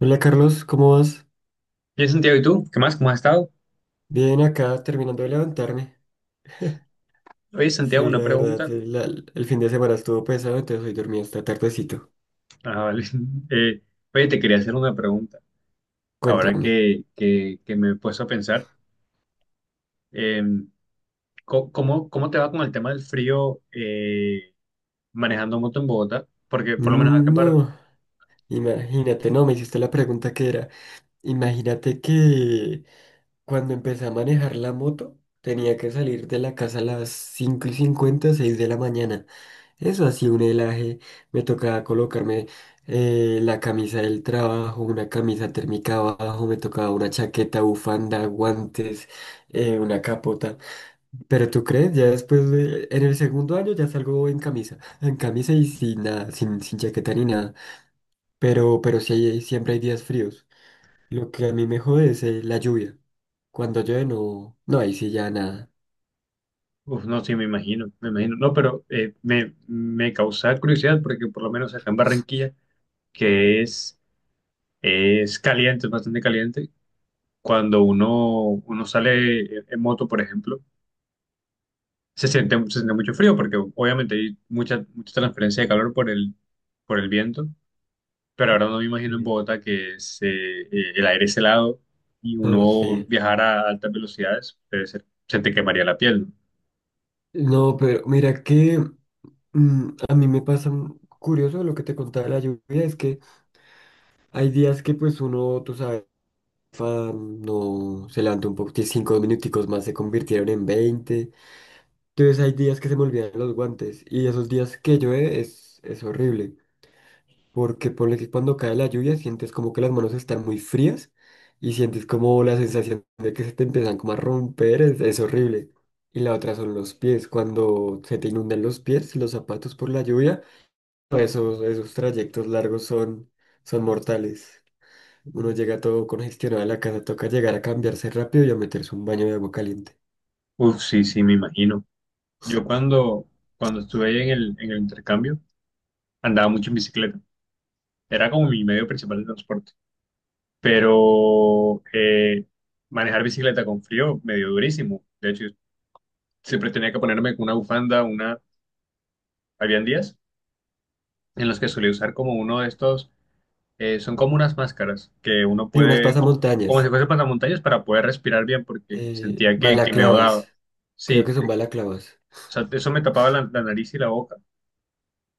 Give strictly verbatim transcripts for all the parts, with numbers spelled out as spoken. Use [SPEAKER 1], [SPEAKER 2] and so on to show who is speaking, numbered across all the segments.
[SPEAKER 1] Hola, Carlos, ¿cómo vas?
[SPEAKER 2] Bien, Santiago, ¿y tú? ¿Qué más? ¿Cómo has estado?
[SPEAKER 1] Bien acá, terminando de levantarme.
[SPEAKER 2] Oye, Santiago,
[SPEAKER 1] Sí,
[SPEAKER 2] una
[SPEAKER 1] la verdad,
[SPEAKER 2] pregunta.
[SPEAKER 1] eh, la- el fin de semana estuvo pesado, entonces hoy dormí hasta tardecito.
[SPEAKER 2] Ah, vale. Eh, oye, te quería hacer una pregunta. Ahora
[SPEAKER 1] Cuéntame.
[SPEAKER 2] que, que, que me he puesto a pensar, eh, co- ¿cómo, cómo te va con el tema del frío, eh, manejando moto en Bogotá? Porque por lo menos acá
[SPEAKER 1] Mm,
[SPEAKER 2] en Bar-
[SPEAKER 1] no, imagínate, no, me hiciste la pregunta que era. Imagínate que cuando empecé a manejar la moto, tenía que salir de la casa a las cinco y cincuenta, seis de la mañana. Eso así, un helaje. Me tocaba colocarme eh, la camisa del trabajo, una camisa térmica abajo, me tocaba una chaqueta, bufanda, guantes, eh, una capota. Pero tú crees, ya después, de- en el segundo año ya salgo en camisa, en camisa y sin nada, sin, sin chaqueta ni nada. Pero, pero sí, hay- siempre hay días fríos. Lo que a mí me jode es eh, la lluvia. Cuando llueve no, no, ahí sí ya nada.
[SPEAKER 2] uf, no, sí, me imagino, me imagino. No, pero eh, me, me causa curiosidad porque por lo menos acá en Barranquilla, que es, es caliente, es bastante caliente, cuando uno, uno sale en en moto, por ejemplo. Se siente, se siente mucho frío porque obviamente hay mucha, mucha transferencia de calor por el, por el viento, pero ahora no me imagino en
[SPEAKER 1] Sí.
[SPEAKER 2] Bogotá que se, eh, el aire es helado y
[SPEAKER 1] No,
[SPEAKER 2] uno
[SPEAKER 1] sí.
[SPEAKER 2] viajar a altas velocidades, debe ser- se te quemaría la piel.
[SPEAKER 1] No, pero mira que Mm, a mí me pasa mm, curioso lo que te contaba de la lluvia, es que hay días que pues uno, tú sabes, fa- no se levanta un poco, que cinco minuticos más se convirtieron en veinte, entonces hay días que se me olvidan los guantes y esos días que llueve es, es horrible, porque ponle que cuando cae la lluvia sientes como que las manos están muy frías y sientes como la sensación de que se te empiezan como a romper, es, es horrible. Y la otra son los pies, cuando se te inundan los pies, los zapatos por la lluvia. No, esos, esos trayectos largos son, son mortales. Uno llega todo congestionado a la casa, toca llegar a cambiarse rápido y a meterse un baño de agua caliente.
[SPEAKER 2] ¿No? Uf, sí, sí, me imagino. Yo cuando, cuando estuve en el, en el intercambio andaba mucho en bicicleta, era como mi medio principal de transporte, pero eh, manejar bicicleta con frío me dio durísimo. De hecho, siempre tenía que ponerme con una bufanda, una... Habían días en los que solía usar como uno de estos, eh, son como unas máscaras que uno
[SPEAKER 1] Y unas
[SPEAKER 2] puede, como, como si
[SPEAKER 1] pasamontañas,
[SPEAKER 2] fuese pasamontañas para poder respirar bien porque
[SPEAKER 1] eh,
[SPEAKER 2] sentía que, que me
[SPEAKER 1] balaclavas,
[SPEAKER 2] ahogaba.
[SPEAKER 1] creo
[SPEAKER 2] Sí,
[SPEAKER 1] que son
[SPEAKER 2] eh,
[SPEAKER 1] balaclavas.
[SPEAKER 2] o sea, eso me tapaba la, la nariz y la boca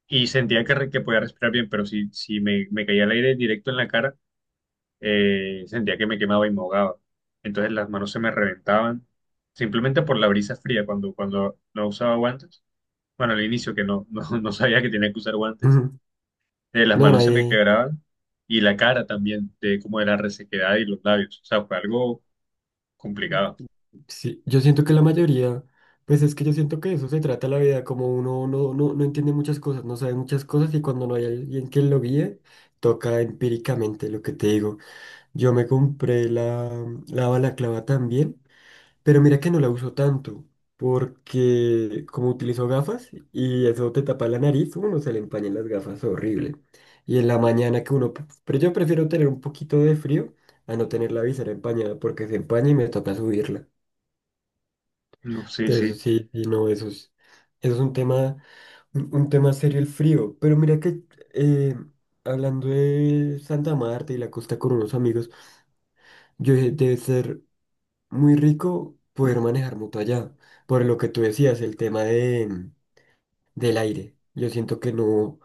[SPEAKER 2] y sentía que, re- que podía respirar bien, pero si, si me, me caía el aire directo en la cara, eh, sentía que me quemaba y me ahogaba. Entonces las manos se me reventaban simplemente por la brisa fría cuando, cuando no usaba guantes. Bueno, al inicio que no, no, no sabía que tenía que usar guantes,
[SPEAKER 1] Ujú.
[SPEAKER 2] eh, las
[SPEAKER 1] No,
[SPEAKER 2] manos se me
[SPEAKER 1] nadie,
[SPEAKER 2] quebraban y la cara también, de como de la resequedad y los labios. O sea, fue algo complicado.
[SPEAKER 1] sí, yo siento que la mayoría, pues es que yo siento que de eso se trata la vida, como uno no, no, no entiende muchas cosas, no sabe muchas cosas y cuando no hay alguien que lo guíe, toca empíricamente lo que te digo. Yo me compré la, la balaclava también. Pero mira que no la uso tanto, porque como utilizo gafas y eso te tapa la nariz, uno se le empañan las gafas horrible. Y en la mañana que uno... Pero yo prefiero tener un poquito de frío a no tener la visera empañada, porque se empaña y me toca subirla.
[SPEAKER 2] No, sí, sí.
[SPEAKER 1] Entonces sí, y no, eso es, eso es un tema, un, un tema serio el frío. Pero mira que eh, hablando de Santa Marta y la costa con unos amigos, yo dije, debe ser muy rico poder manejar moto allá. Por lo que tú decías, el tema de, mm, del aire. Yo siento que no,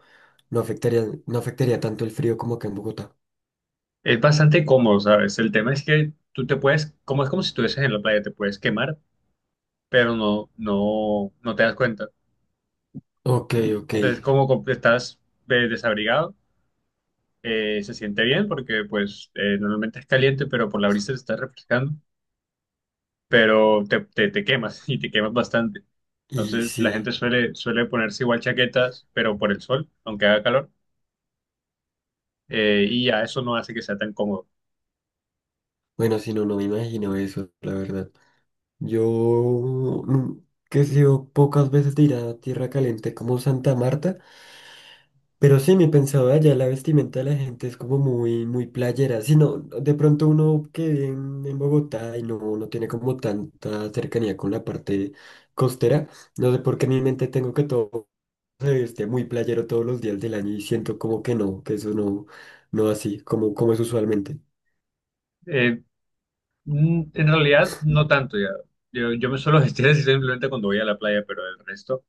[SPEAKER 1] no afectaría, no afectaría tanto el frío como acá en Bogotá.
[SPEAKER 2] Es bastante cómodo, ¿sabes? El tema es que tú te puedes, como es como si estuvieses en la playa, te puedes quemar, pero no, no, no te das cuenta.
[SPEAKER 1] Ok, ok.
[SPEAKER 2] Entonces, como com- estás eh, desabrigado, eh, se siente bien porque pues eh, normalmente es caliente, pero por la brisa te está refrescando. Pero te, te, te quemas y te quemas bastante.
[SPEAKER 1] Y
[SPEAKER 2] Entonces la gente
[SPEAKER 1] sí,
[SPEAKER 2] suele, suele ponerse igual chaquetas, pero por el sol, aunque haga calor, eh, y ya eso no hace que sea tan cómodo.
[SPEAKER 1] bueno, si no, no me imagino eso, la verdad. Yo nu- que he sido pocas veces de ir a tierra caliente como Santa Marta. Pero sí, mi pensado allá, la vestimenta de la gente es como muy, muy playera. Si no, de pronto uno que vive en, en Bogotá y no, no tiene como tanta cercanía con la parte costera, no sé por qué en mi mente tengo que todo se viste muy playero todos los días del año y siento como que no, que eso no, no así, como, como es usualmente.
[SPEAKER 2] Eh, mm, en realidad no tanto ya. Yo, yo me suelo vestir así simplemente cuando voy a la playa, pero el resto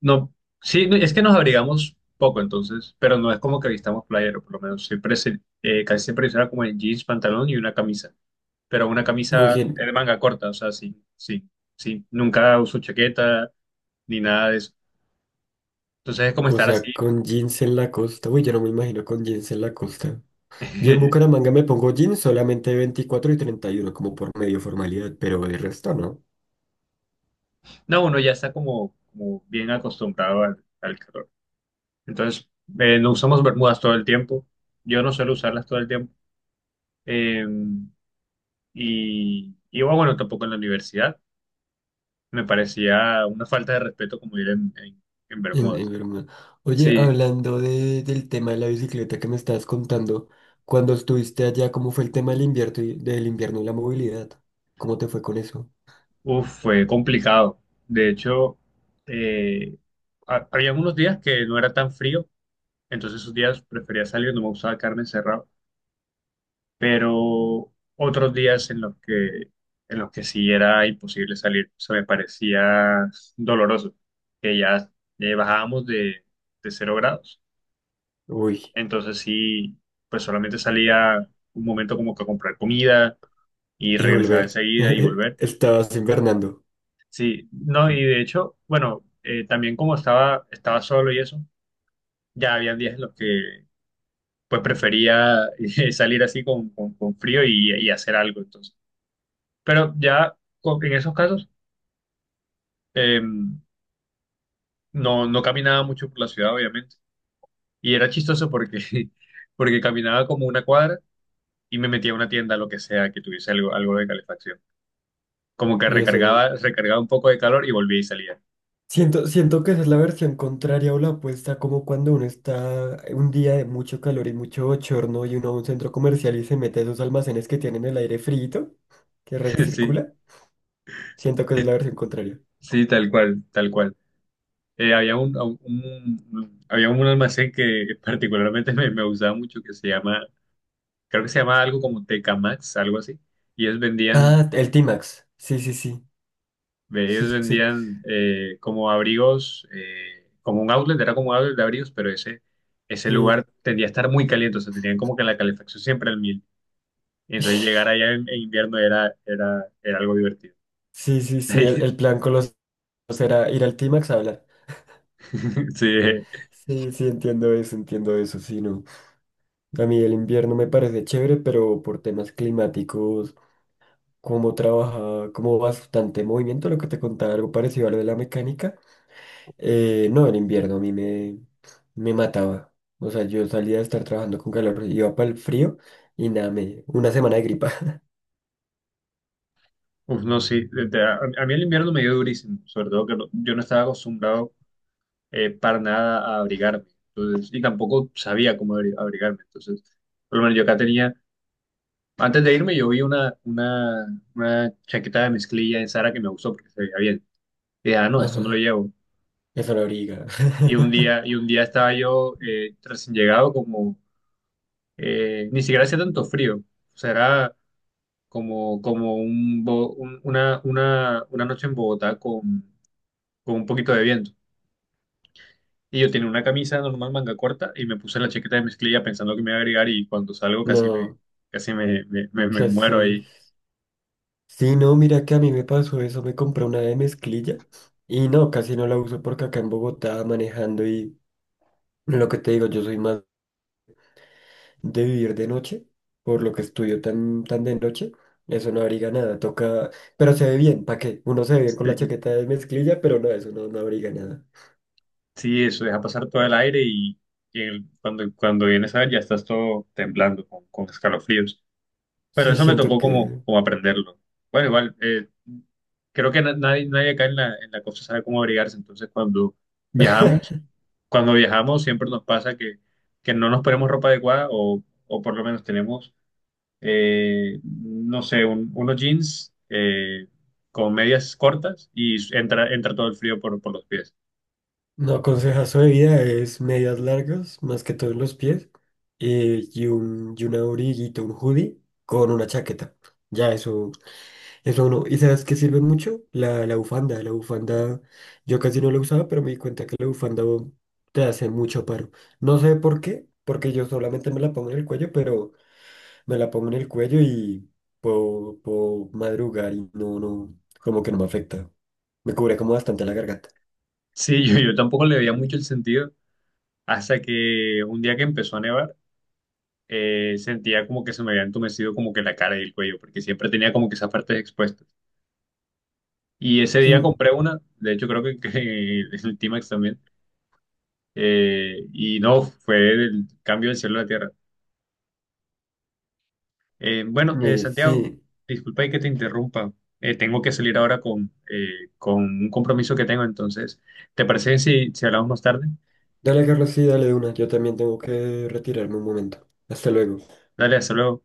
[SPEAKER 2] no. Sí, no, es que nos abrigamos poco entonces, pero no es como que vistamos playero, por lo menos siempre se- eh, casi siempre será como en jeans, pantalón y una camisa, pero una
[SPEAKER 1] Muy
[SPEAKER 2] camisa de
[SPEAKER 1] bien,
[SPEAKER 2] manga corta, o sea, sí, sí, sí. Nunca uso chaqueta ni nada de eso. Entonces es como
[SPEAKER 1] o
[SPEAKER 2] estar
[SPEAKER 1] sea,
[SPEAKER 2] así.
[SPEAKER 1] con jeans en la costa, uy, yo no me imagino con jeans en la costa. Yo en Bucaramanga me pongo jeans solamente veinticuatro y treinta y uno como por medio formalidad, pero de resto no.
[SPEAKER 2] No, uno ya está como, como bien acostumbrado al, al calor. Entonces, eh, no usamos bermudas todo el tiempo. Yo no suelo usarlas todo el tiempo. Eh, y, y bueno, tampoco en la universidad. Me parecía una falta de respeto como ir en, en, en
[SPEAKER 1] En, en
[SPEAKER 2] bermudas.
[SPEAKER 1] Bermuda. Oye,
[SPEAKER 2] Sí,
[SPEAKER 1] hablando de, del tema de la bicicleta que me estabas contando, cuando estuviste allá, ¿cómo fue el tema del invierno y, del invierno y la movilidad? ¿Cómo te fue con eso?
[SPEAKER 2] uf, fue complicado. De hecho, eh, ha- había unos días que no era tan frío. Entonces esos días prefería salir, no me gustaba carne encerrada. Pero otros días en los que, en los que sí era imposible salir, se me parecía doloroso, que ya, ya bajábamos de, de cero grados.
[SPEAKER 1] Uy,
[SPEAKER 2] Entonces sí, pues solamente salía un momento como que a comprar comida y
[SPEAKER 1] y
[SPEAKER 2] regresaba
[SPEAKER 1] volver.
[SPEAKER 2] enseguida y volver.
[SPEAKER 1] Estabas invernando.
[SPEAKER 2] Sí, no, y de hecho, bueno, eh, también como estaba, estaba solo y eso, ya había días en los que pues prefería eh, salir así con, con, con frío y, y hacer algo entonces. Pero ya con- en esos casos, eh, no, no caminaba mucho por la ciudad, obviamente. Y era chistoso porque, porque caminaba como una cuadra y me metía a una tienda, lo que sea, que tuviese algo, algo de calefacción. Como que
[SPEAKER 1] Eso es.
[SPEAKER 2] recargaba, recargaba un poco de calor y volvía y salía.
[SPEAKER 1] Siento, siento que esa es la versión contraria o la opuesta, como cuando uno está un día de mucho calor y mucho bochorno y uno va a un centro comercial y se mete a esos almacenes que tienen el aire frito, que
[SPEAKER 2] Sí,
[SPEAKER 1] recircula. Siento que esa es la versión contraria.
[SPEAKER 2] sí, tal cual, tal cual. Eh, había un, un- un- había un almacén que particularmente me, me gustaba mucho que se llama, creo que se llama algo como Tecamax, algo así. Y ellos vendían.
[SPEAKER 1] Ah, el T-Max. Sí, sí, sí.
[SPEAKER 2] Ve,
[SPEAKER 1] Sí,
[SPEAKER 2] ellos
[SPEAKER 1] sí,
[SPEAKER 2] vendían, eh, como abrigos, eh, como un outlet, era como un outlet de abrigos, pero ese, ese lugar
[SPEAKER 1] sí.
[SPEAKER 2] tendía a estar muy caliente, o sea, tenían como que la calefacción siempre al mil. Y entonces llegar allá en, en invierno era, era, era algo divertido.
[SPEAKER 1] Sí, sí, sí, el, el plan con los dos era ir al T-Max a hablar.
[SPEAKER 2] Sí, eh,
[SPEAKER 1] Sí, sí, entiendo eso, entiendo eso, sí, no. A mí el invierno me parece chévere, pero por temas climáticos, como trabaja, como bastante movimiento, lo que te contaba, algo parecido a lo de la mecánica, eh, no, el invierno a mí me, me mataba. O sea, yo salía de estar trabajando con calor, iba para el frío y nada, me, una semana de gripa.
[SPEAKER 2] uf, no, sí, de- de- a, a mí el invierno me dio durísimo, sobre todo que no- yo no estaba acostumbrado, eh, para nada a abrigarme, entonces, y tampoco sabía cómo abri- abrigarme, entonces, por lo menos yo acá tenía. Antes de irme, yo vi una, una, una chaqueta de mezclilla en Sara que me gustó porque se veía bien. Y dije, ah, no, esto me lo
[SPEAKER 1] Ajá,
[SPEAKER 2] llevo.
[SPEAKER 1] eso la briga.
[SPEAKER 2] Y un día, y un día estaba yo, eh, recién llegado, como eh, ni siquiera hacía tanto frío. O sea, era como, como un, bo- un- una, una, una noche en Bogotá con, con un poquito de viento. Y yo tenía una camisa normal, manga corta, y me puse la chaqueta de mezclilla pensando que me iba a agregar. Y cuando salgo, casi me,
[SPEAKER 1] No,
[SPEAKER 2] casi me, me, me- me muero
[SPEAKER 1] casi.
[SPEAKER 2] ahí.
[SPEAKER 1] Sí, no, mira que a mí me pasó eso, me compré una de mezclilla y no, casi no la uso porque acá en Bogotá manejando y lo que te digo, yo soy más de vivir de noche, por lo que estudio tan, tan de noche, eso no abriga nada, toca, pero se ve bien, ¿para qué? Uno se ve bien con la chaqueta de mezclilla, pero no, eso no, no abriga nada.
[SPEAKER 2] Sí, eso deja pasar todo el aire y, y el- cuando, cuando vienes a ver ya estás todo temblando con, con escalofríos. Pero
[SPEAKER 1] Sí,
[SPEAKER 2] eso me
[SPEAKER 1] siento
[SPEAKER 2] tocó como,
[SPEAKER 1] que
[SPEAKER 2] como aprenderlo. Bueno, igual, eh, creo que na- nadie, nadie acá en la, en la costa sabe cómo abrigarse. Entonces, cuando viajamos, cuando viajamos siempre nos pasa que, que no nos ponemos ropa adecuada o, o por lo menos tenemos, eh, no sé, un- unos jeans, eh, con medias cortas y entra, entra todo el frío por, por los pies.
[SPEAKER 1] no, consejazo de vida es medias largas, más que todo en los pies, eh, y un, y una abriguito, un hoodie con una chaqueta, ya eso. Eso no. ¿Y sabes qué sirve mucho? La, la bufanda. La bufanda, yo casi no la usaba, pero me di cuenta que la bufanda oh, te hace mucho paro. No sé por qué, porque yo solamente me la pongo en el cuello, pero me la pongo en el cuello y puedo, puedo madrugar y no, no, como que no me afecta. Me cubre como bastante la garganta.
[SPEAKER 2] Sí, yo, yo tampoco le veía mucho el sentido. Hasta que un día que empezó a nevar, eh, sentía como que se me había entumecido como que la cara y el cuello, porque siempre tenía como que esas partes expuestas. Y ese
[SPEAKER 1] Sí,
[SPEAKER 2] día compré una, de hecho creo que, que el T-Max también, eh, y no, fue el cambio del cielo a la tierra. Eh, bueno, eh,
[SPEAKER 1] eh,
[SPEAKER 2] Santiago,
[SPEAKER 1] sí.
[SPEAKER 2] disculpa y que te interrumpa, Eh, tengo que salir ahora con, eh, con un compromiso que tengo, entonces, ¿te parece si, si hablamos más tarde?
[SPEAKER 1] Dale, Carlos, sí, dale de una. Yo también tengo que retirarme un momento. Hasta luego.
[SPEAKER 2] Dale, hasta luego.